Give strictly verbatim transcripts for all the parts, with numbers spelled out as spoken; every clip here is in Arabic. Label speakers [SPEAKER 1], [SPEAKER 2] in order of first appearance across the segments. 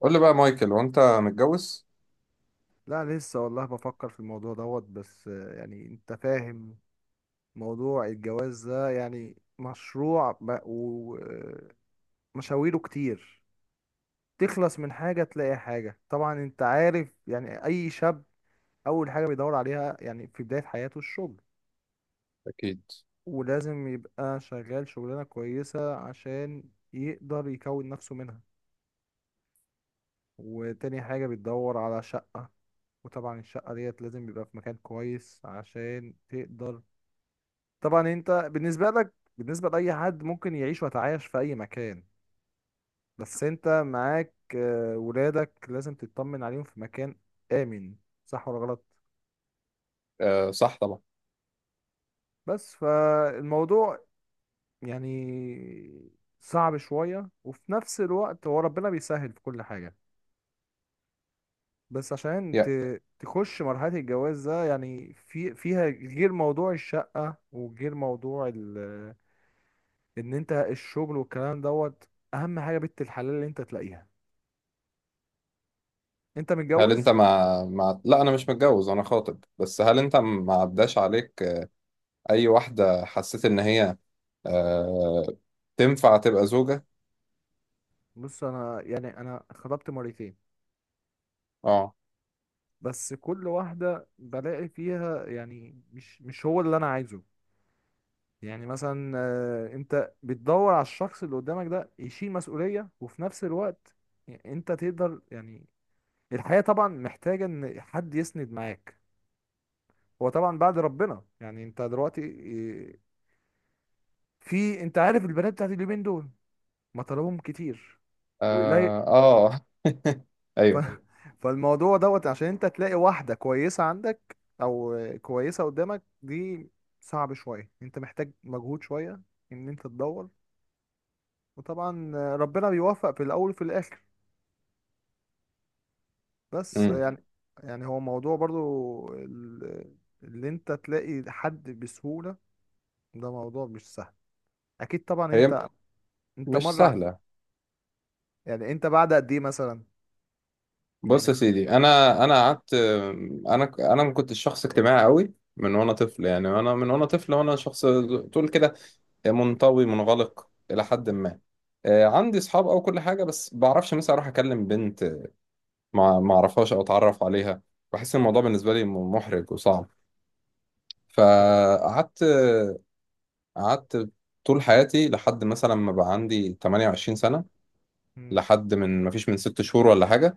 [SPEAKER 1] قول لي بقى مايكل، وانت متجوز؟
[SPEAKER 2] لا لسه والله بفكر في الموضوع دوت بس آه، يعني انت فاهم موضوع الجواز ده يعني مشروع ومشاويره كتير. تخلص من حاجة تلاقي حاجة. طبعا انت عارف يعني اي شاب اول حاجة بيدور عليها يعني في بداية حياته الشغل،
[SPEAKER 1] أكيد.
[SPEAKER 2] ولازم يبقى شغال شغلانة كويسة عشان يقدر يكون نفسه منها. وتاني حاجة بتدور على شقة، وطبعا الشقة ديت لازم يبقى في مكان كويس عشان تقدر. طبعا انت بالنسبة لك بالنسبة لأي حد ممكن يعيش ويتعايش في أي مكان، بس انت معاك آه، ولادك لازم تطمن عليهم في مكان آمن، صح ولا غلط؟
[SPEAKER 1] آه صح طبعا.
[SPEAKER 2] بس فالموضوع يعني صعب شوية، وفي نفس الوقت هو ربنا بيسهل في كل حاجة. بس عشان
[SPEAKER 1] يا.
[SPEAKER 2] ت- تخش مرحلة الجواز ده يعني في فيها غير موضوع الشقة وغير موضوع ال- ان انت الشغل والكلام دوت، اهم حاجة بنت الحلال اللي انت تلاقيها. انت
[SPEAKER 1] هل انت
[SPEAKER 2] متجوز؟
[SPEAKER 1] مع مع لا، انا مش متجوز، انا خاطب. بس هل انت ما عداش عليك آه، اي واحده حسيت ان هي آه تنفع تبقى زوجه؟
[SPEAKER 2] بص انا يعني انا خطبت مرتين،
[SPEAKER 1] اه.
[SPEAKER 2] بس كل واحده بلاقي فيها يعني مش مش هو اللي انا عايزه. يعني مثلا آه، انت بتدور على الشخص اللي قدامك ده يشيل مسؤوليه، وفي نفس الوقت انت تقدر يعني الحياه طبعا محتاجه ان حد يسند معاك. هو طبعا بعد ربنا، يعني انت دلوقتي آه، في انت عارف البنات بتاعت اليومين دول مطالبهم كتير وقليل.
[SPEAKER 1] اه. آه.
[SPEAKER 2] ف...
[SPEAKER 1] ايوه.
[SPEAKER 2] فالموضوع دوت عشان انت تلاقي واحدة كويسة عندك او كويسة قدامك دي صعب شوية، انت محتاج مجهود شوية ان انت تدور. وطبعا ربنا بيوفق في الاول وفي الاخر، بس
[SPEAKER 1] امم
[SPEAKER 2] يعني يعني هو موضوع برضو ال- اللي انت تلاقي حد بسهولة ده موضوع مش سهل. اكيد طبعا
[SPEAKER 1] هي
[SPEAKER 2] انت، انت
[SPEAKER 1] مش
[SPEAKER 2] مرة
[SPEAKER 1] سهله.
[SPEAKER 2] يعني انت بعد قد ايه مثلا يعني
[SPEAKER 1] بص يا
[SPEAKER 2] خ-
[SPEAKER 1] سيدي، انا انا قعدت. انا انا كنت شخص اجتماعي قوي من وانا طفل. يعني انا من وانا طفل وانا شخص تقول كده منطوي منغلق الى حد ما. آه، عندي اصحاب او كل حاجه بس بعرفش مثلا اروح اكلم بنت ما ما اعرفهاش او اتعرف عليها. بحس إن الموضوع بالنسبه لي م- محرج وصعب.
[SPEAKER 2] هو-
[SPEAKER 1] فقعدت قعدت طول حياتي لحد مثلا ما بقى عندي ثمانية وعشرين سنه.
[SPEAKER 2] مم.
[SPEAKER 1] لحد من ما فيش من ست شهور ولا حاجه.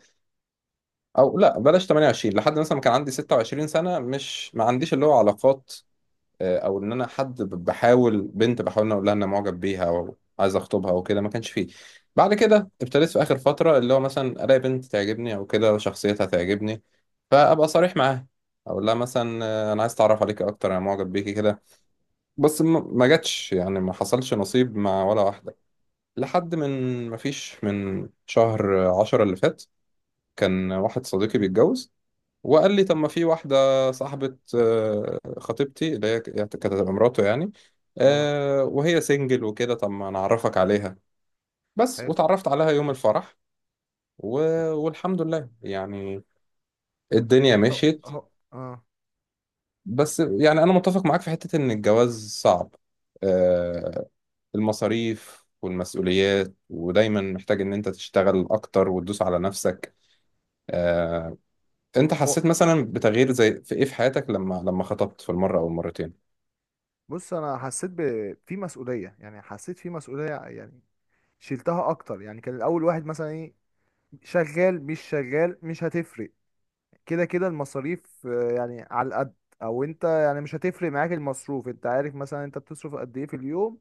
[SPEAKER 1] او لا بلاش ثمانية وعشرين، لحد مثلا ما كان عندي ستة وعشرين سنه، مش ما عنديش اللي هو علاقات، آه، او ان انا حد ب- بحاول بنت، بحاول إن أنا اقول لها ان أنا معجب بيها او عايز اخطبها او كده. ما كانش فيه. بعد كده ابتديت في اخر فتره، اللي هو مثلا الاقي بنت تعجبني او كده شخصيتها تعجبني، فابقى صريح معاها، اقول لها مثلا آه، انا عايز اتعرف عليكي اكتر، انا معجب بيكي كده. بس ما ما جاتش، يعني ما حصلش نصيب مع ولا واحده. لحد من ما فيش من شهر عشرة اللي فات، كان واحد صديقي بيتجوز وقال لي: طب ما في واحدة صاحبة آه، خطيبتي، اللي هي كانت هتبقى مراته يعني،
[SPEAKER 2] اه
[SPEAKER 1] آه، وهي سنجل وكده، طب ما نعرفك عليها. بس
[SPEAKER 2] حلو.
[SPEAKER 1] وتعرفت عليها يوم الفرح و... والحمد لله يعني. الدنيا مشيت.
[SPEAKER 2] هو اه.
[SPEAKER 1] بس يعني أنا متفق معاك في حتة إن الجواز صعب، آه، المصاريف والمسؤوليات ودايما محتاج إن أنت تشتغل أكتر وتدوس على نفسك. آه، أنت
[SPEAKER 2] هو
[SPEAKER 1] حسيت مثلا بتغيير زي في إيه في حياتك لما لما خطبت في المرة أو المرتين؟
[SPEAKER 2] بص انا حسيت ب... في مسؤوليه. يعني حسيت في مسؤوليه، يعني شلتها اكتر. يعني كان الاول واحد مثلا ايه، شغال مش شغال مش هتفرق، كده كده المصاريف آه، يعني على القد. او انت يعني مش هتفرق معاك المصروف، انت عارف مثلا انت بتصرف قد ايه في اليوم.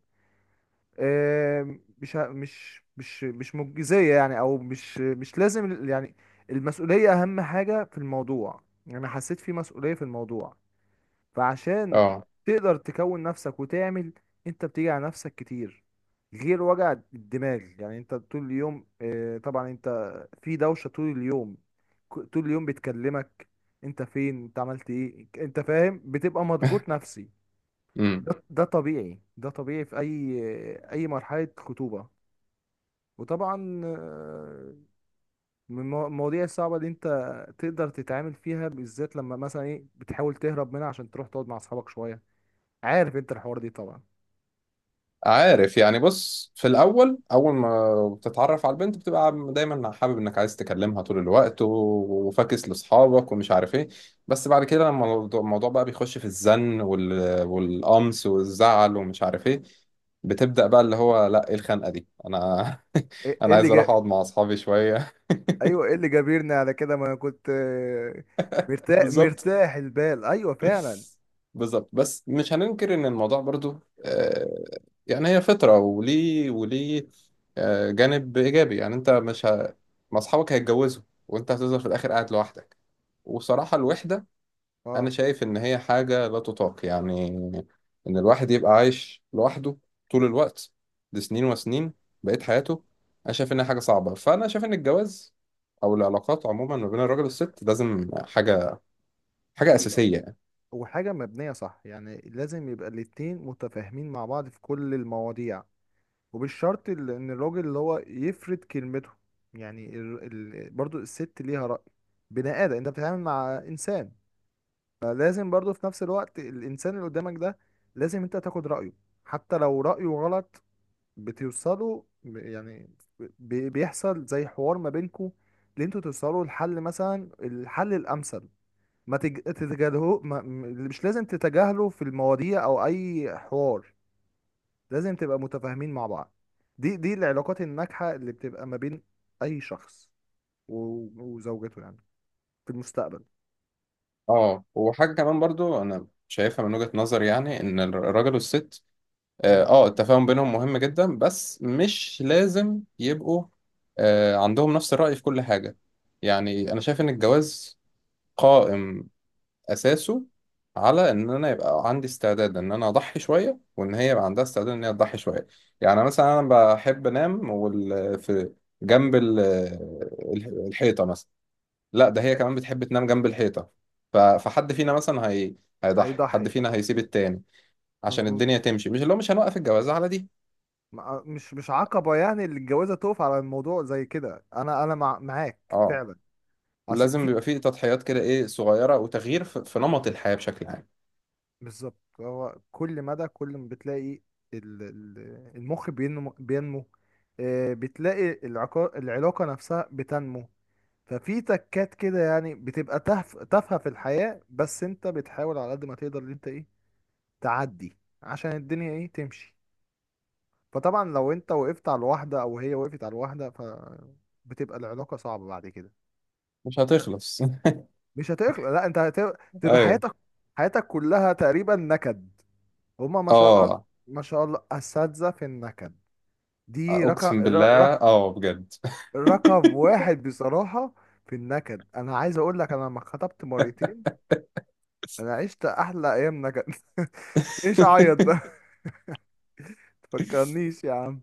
[SPEAKER 2] آه، مش ه- مش مش مش مجزيه يعني، او مش مش لازم ال- يعني المسؤوليه اهم حاجه في الموضوع. يعني حسيت في مسؤوليه في الموضوع فعشان
[SPEAKER 1] اه.
[SPEAKER 2] تقدر تكون نفسك وتعمل. انت بتيجي على نفسك كتير غير وجع الدماغ. يعني انت طول اليوم اه، طبعا انت في دوشة طول اليوم، ك- طول اليوم بتكلمك انت فين انت عملت ايه انت فاهم. بتبقى مضغوط نفسي.
[SPEAKER 1] امم
[SPEAKER 2] ده ده طبيعي، ده طبيعي في اي اي مرحلة خطوبة. وطبعا اه، من المو- المواضيع الصعبة اللي انت تقدر تتعامل فيها بالذات لما مثلا ايه بتحاول تهرب منها عشان تروح تقعد مع اصحابك شوية. عارف انت الحوار دي طبعا.
[SPEAKER 1] عارف يعني. بص في الاول، اول ما بتتعرف على البنت بتبقى دايما حابب انك عايز تكلمها طول الوقت و- وفاكس لاصحابك ومش عارف ايه. بس بعد كده لما الموضوع الموضوع بقى بيخش في الزن وال... والقمص والزعل ومش عارف ايه، بتبدأ بقى اللي هو لا ايه الخنقة دي. انا
[SPEAKER 2] ايه إيه
[SPEAKER 1] انا
[SPEAKER 2] اللي
[SPEAKER 1] عايز اروح
[SPEAKER 2] جا...
[SPEAKER 1] اقعد مع اصحابي شوية.
[SPEAKER 2] ايوه ايه اللي جابرنا على كده، ما انا كنت آه، مرتاح
[SPEAKER 1] بالظبط.
[SPEAKER 2] مرتاح البال، ايوه فعلا.
[SPEAKER 1] بالظبط. بس مش هننكر ان الموضوع برضو آه، يعني هي فطرة، وليه وليه آه، جانب ايجابي. يعني انت مش ه... ما اصحابك هيتجوزوا وانت هتفضل في الاخر قاعد لوحدك. وصراحة الوحدة، انا
[SPEAKER 2] اه.
[SPEAKER 1] شايف ان هي حاجة لا تطاق يعني. ان الواحد يبقى عايش لوحده طول الوقت، دي سنين وسنين بقيت حياته. انا شايف انها حاجة صعبة. فانا شايف ان الجواز او العلاقات عموما ما بين الراجل والست لازم حاجة، حاجة
[SPEAKER 2] هي
[SPEAKER 1] أساسية.
[SPEAKER 2] وحاجه مبنيه صح. يعني لازم يبقى الاتنين متفاهمين مع بعض في كل المواضيع، وبالشرط ال- ان الراجل اللي هو يفرد كلمته يعني ال... ال... برضو الست ليها رأي، بني ادم، انت بتتعامل مع انسان. فلازم برضو في نفس الوقت الانسان اللي قدامك ده لازم انت تاخد رأيه حتى لو رأيه غلط. بتوصلوا ب- يعني بي- بيحصل زي حوار ما بينكوا اللي انتوا توصلوا لحل مثلا الحل الامثل. ما تج... تتجاهلوه ما... م- مش لازم تتجاهلوا في المواضيع او اي حوار، لازم تبقى متفاهمين مع بعض. دي دي العلاقات الناجحة اللي بتبقى ما بين اي شخص و... وزوجته يعني في المستقبل.
[SPEAKER 1] اه، وحاجة كمان برضو أنا شايفها من وجهة نظري، يعني إن الراجل والست، اه
[SPEAKER 2] مم.
[SPEAKER 1] آه، التفاهم بينهم مهم جدا، بس مش لازم يبقوا آه عندهم نفس الرأي في كل حاجة. يعني أنا شايف إن الجواز قائم أساسه على إن أنا يبقى عندي استعداد إن أنا أضحي شوية، وإن هي يبقى عندها استعداد إن هي تضحي شوية. يعني مثلا أنا بحب أنام وال... في جنب ال... الحيطة مثلا. لا ده هي كمان بتحب تنام جنب الحيطة. ف... فحد فينا مثلا هي... هيضحي، حد
[SPEAKER 2] هيضحي.
[SPEAKER 1] فينا هيسيب التاني عشان
[SPEAKER 2] مظبوط،
[SPEAKER 1] الدنيا تمشي. مش اللي هو مش هنوقف الجواز على دي.
[SPEAKER 2] ما- مش مش عقبة يعني اللي الجوازة تقف على الموضوع زي كده. انا انا مع... معاك
[SPEAKER 1] اه،
[SPEAKER 2] فعلا. أصل
[SPEAKER 1] لازم
[SPEAKER 2] في،
[SPEAKER 1] بيبقى فيه تضحيات كده ايه، صغيرة وتغيير في... في نمط الحياة بشكل عام.
[SPEAKER 2] بالظبط. هو كل مدى كل ما بتلاقي ال- ال- المخ بينمو بينمو، آه، بتلاقي العقا- العلاقة نفسها بتنمو. ففي تكات كده يعني بتبقى تهف- تافهة في الحياة، بس انت بتحاول على قد ما تقدر ان انت ايه تعدي عشان الدنيا ايه تمشي. فطبعا لو انت وقفت على الواحدة او هي وقفت على الواحدة ف بتبقى العلاقة صعبة بعد كده.
[SPEAKER 1] مش هتخلص.
[SPEAKER 2] مش هتخلق، لا انت هتبقى
[SPEAKER 1] ايوه.
[SPEAKER 2] حياتك حياتك كلها تقريبا نكد. هما ما شاء الله،
[SPEAKER 1] اه.
[SPEAKER 2] ما شاء الله أساتذة في النكد. دي رقم
[SPEAKER 1] اقسم بالله
[SPEAKER 2] رقم
[SPEAKER 1] اه بجد.
[SPEAKER 2] رقم واحد بصراحة في النكد. أنا عايز أقول لك، أنا لما اتخطبت مرتين أنا عشت أحلى أيام نكد. ليش أعيط ده. تفكرنيش يا عم.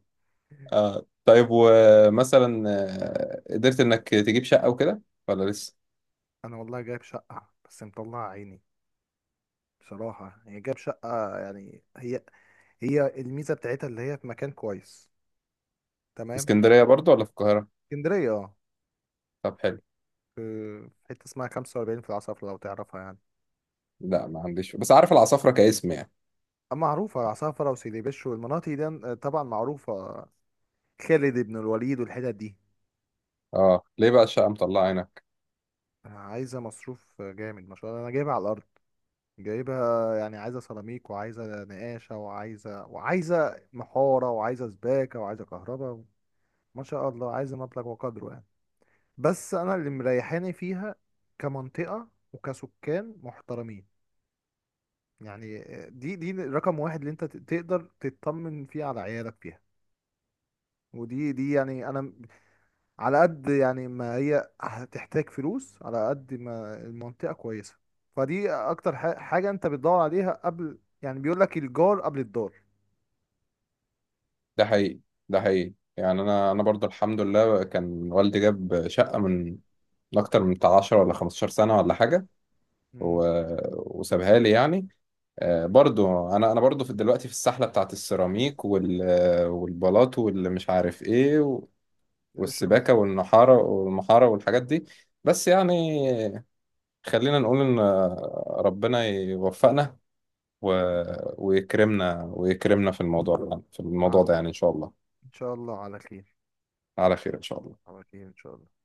[SPEAKER 1] اه طيب، ومثلا آه، قدرت انك تجيب شقة وكده ولا لسه؟
[SPEAKER 2] أنا والله جايب شقة بس مطلع عيني بصراحة. هي جايب شقة يعني هي هي الميزة بتاعتها اللي هي في مكان كويس.
[SPEAKER 1] في
[SPEAKER 2] تمام.
[SPEAKER 1] اسكندرية برضو ولا في القاهرة؟
[SPEAKER 2] اسكندرية اه.
[SPEAKER 1] طب حلو.
[SPEAKER 2] في في حتة اسمها خمسة وأربعين في العصر لو تعرفها يعني.
[SPEAKER 1] لا، ما عنديش، بس عارف العصافرة كاسم يعني.
[SPEAKER 2] معروفة، عصافرة وسيدي والمناطق دي آه، طبعا معروفة، خالد بن الوليد والحتت دي.
[SPEAKER 1] اه ليه بقى الشقة مطلعة عينك؟
[SPEAKER 2] عايزة مصروف جامد، ما شاء الله أنا جايبها على الأرض. جايبها يعني عايزة سيراميك وعايزة نقاشة وعايزة وعايزة محارة وعايزة سباكة وعايزة كهرباء. ما شاء الله عايزة مبلغ وقدره يعني. بس أنا اللي مريحاني فيها كمنطقة وكسكان محترمين. يعني آه، دي دي رقم واحد اللي أنت تقدر تطمن فيه على عيالك فيها. ودي دي يعني انا على قد يعني ما هي هتحتاج فلوس على قد ما المنطقة كويسة. فدي أكتر ح- حاجة أنت بتدور عليها. قبل يعني بيقول لك الجار قبل الدار.
[SPEAKER 1] ده حقيقي، ده حقيقي يعني. انا انا برضو الحمد لله كان والدي جاب شقة من من اكتر من بتاع عشرة ولا خمستاشر سنة ولا حاجة
[SPEAKER 2] مم.
[SPEAKER 1] و... وسابها لي يعني. آه برضو انا انا برضو في دلوقتي في السحلة بتاعت السيراميك وال... آه، والبلاط واللي مش عارف ايه و...
[SPEAKER 2] شغل بس.
[SPEAKER 1] والسباكة والنحارة والمحارة والحاجات دي. بس يعني خلينا نقول ان آه، ربنا يوفقنا و... ويكرمنا ويكرمنا في الموضوع في
[SPEAKER 2] ع-
[SPEAKER 1] الموضوع ده
[SPEAKER 2] الموضوع
[SPEAKER 1] يعني. ان شاء الله
[SPEAKER 2] إن شاء الله على خير.
[SPEAKER 1] على خير. إن شاء الله.
[SPEAKER 2] على خير إن شاء الله.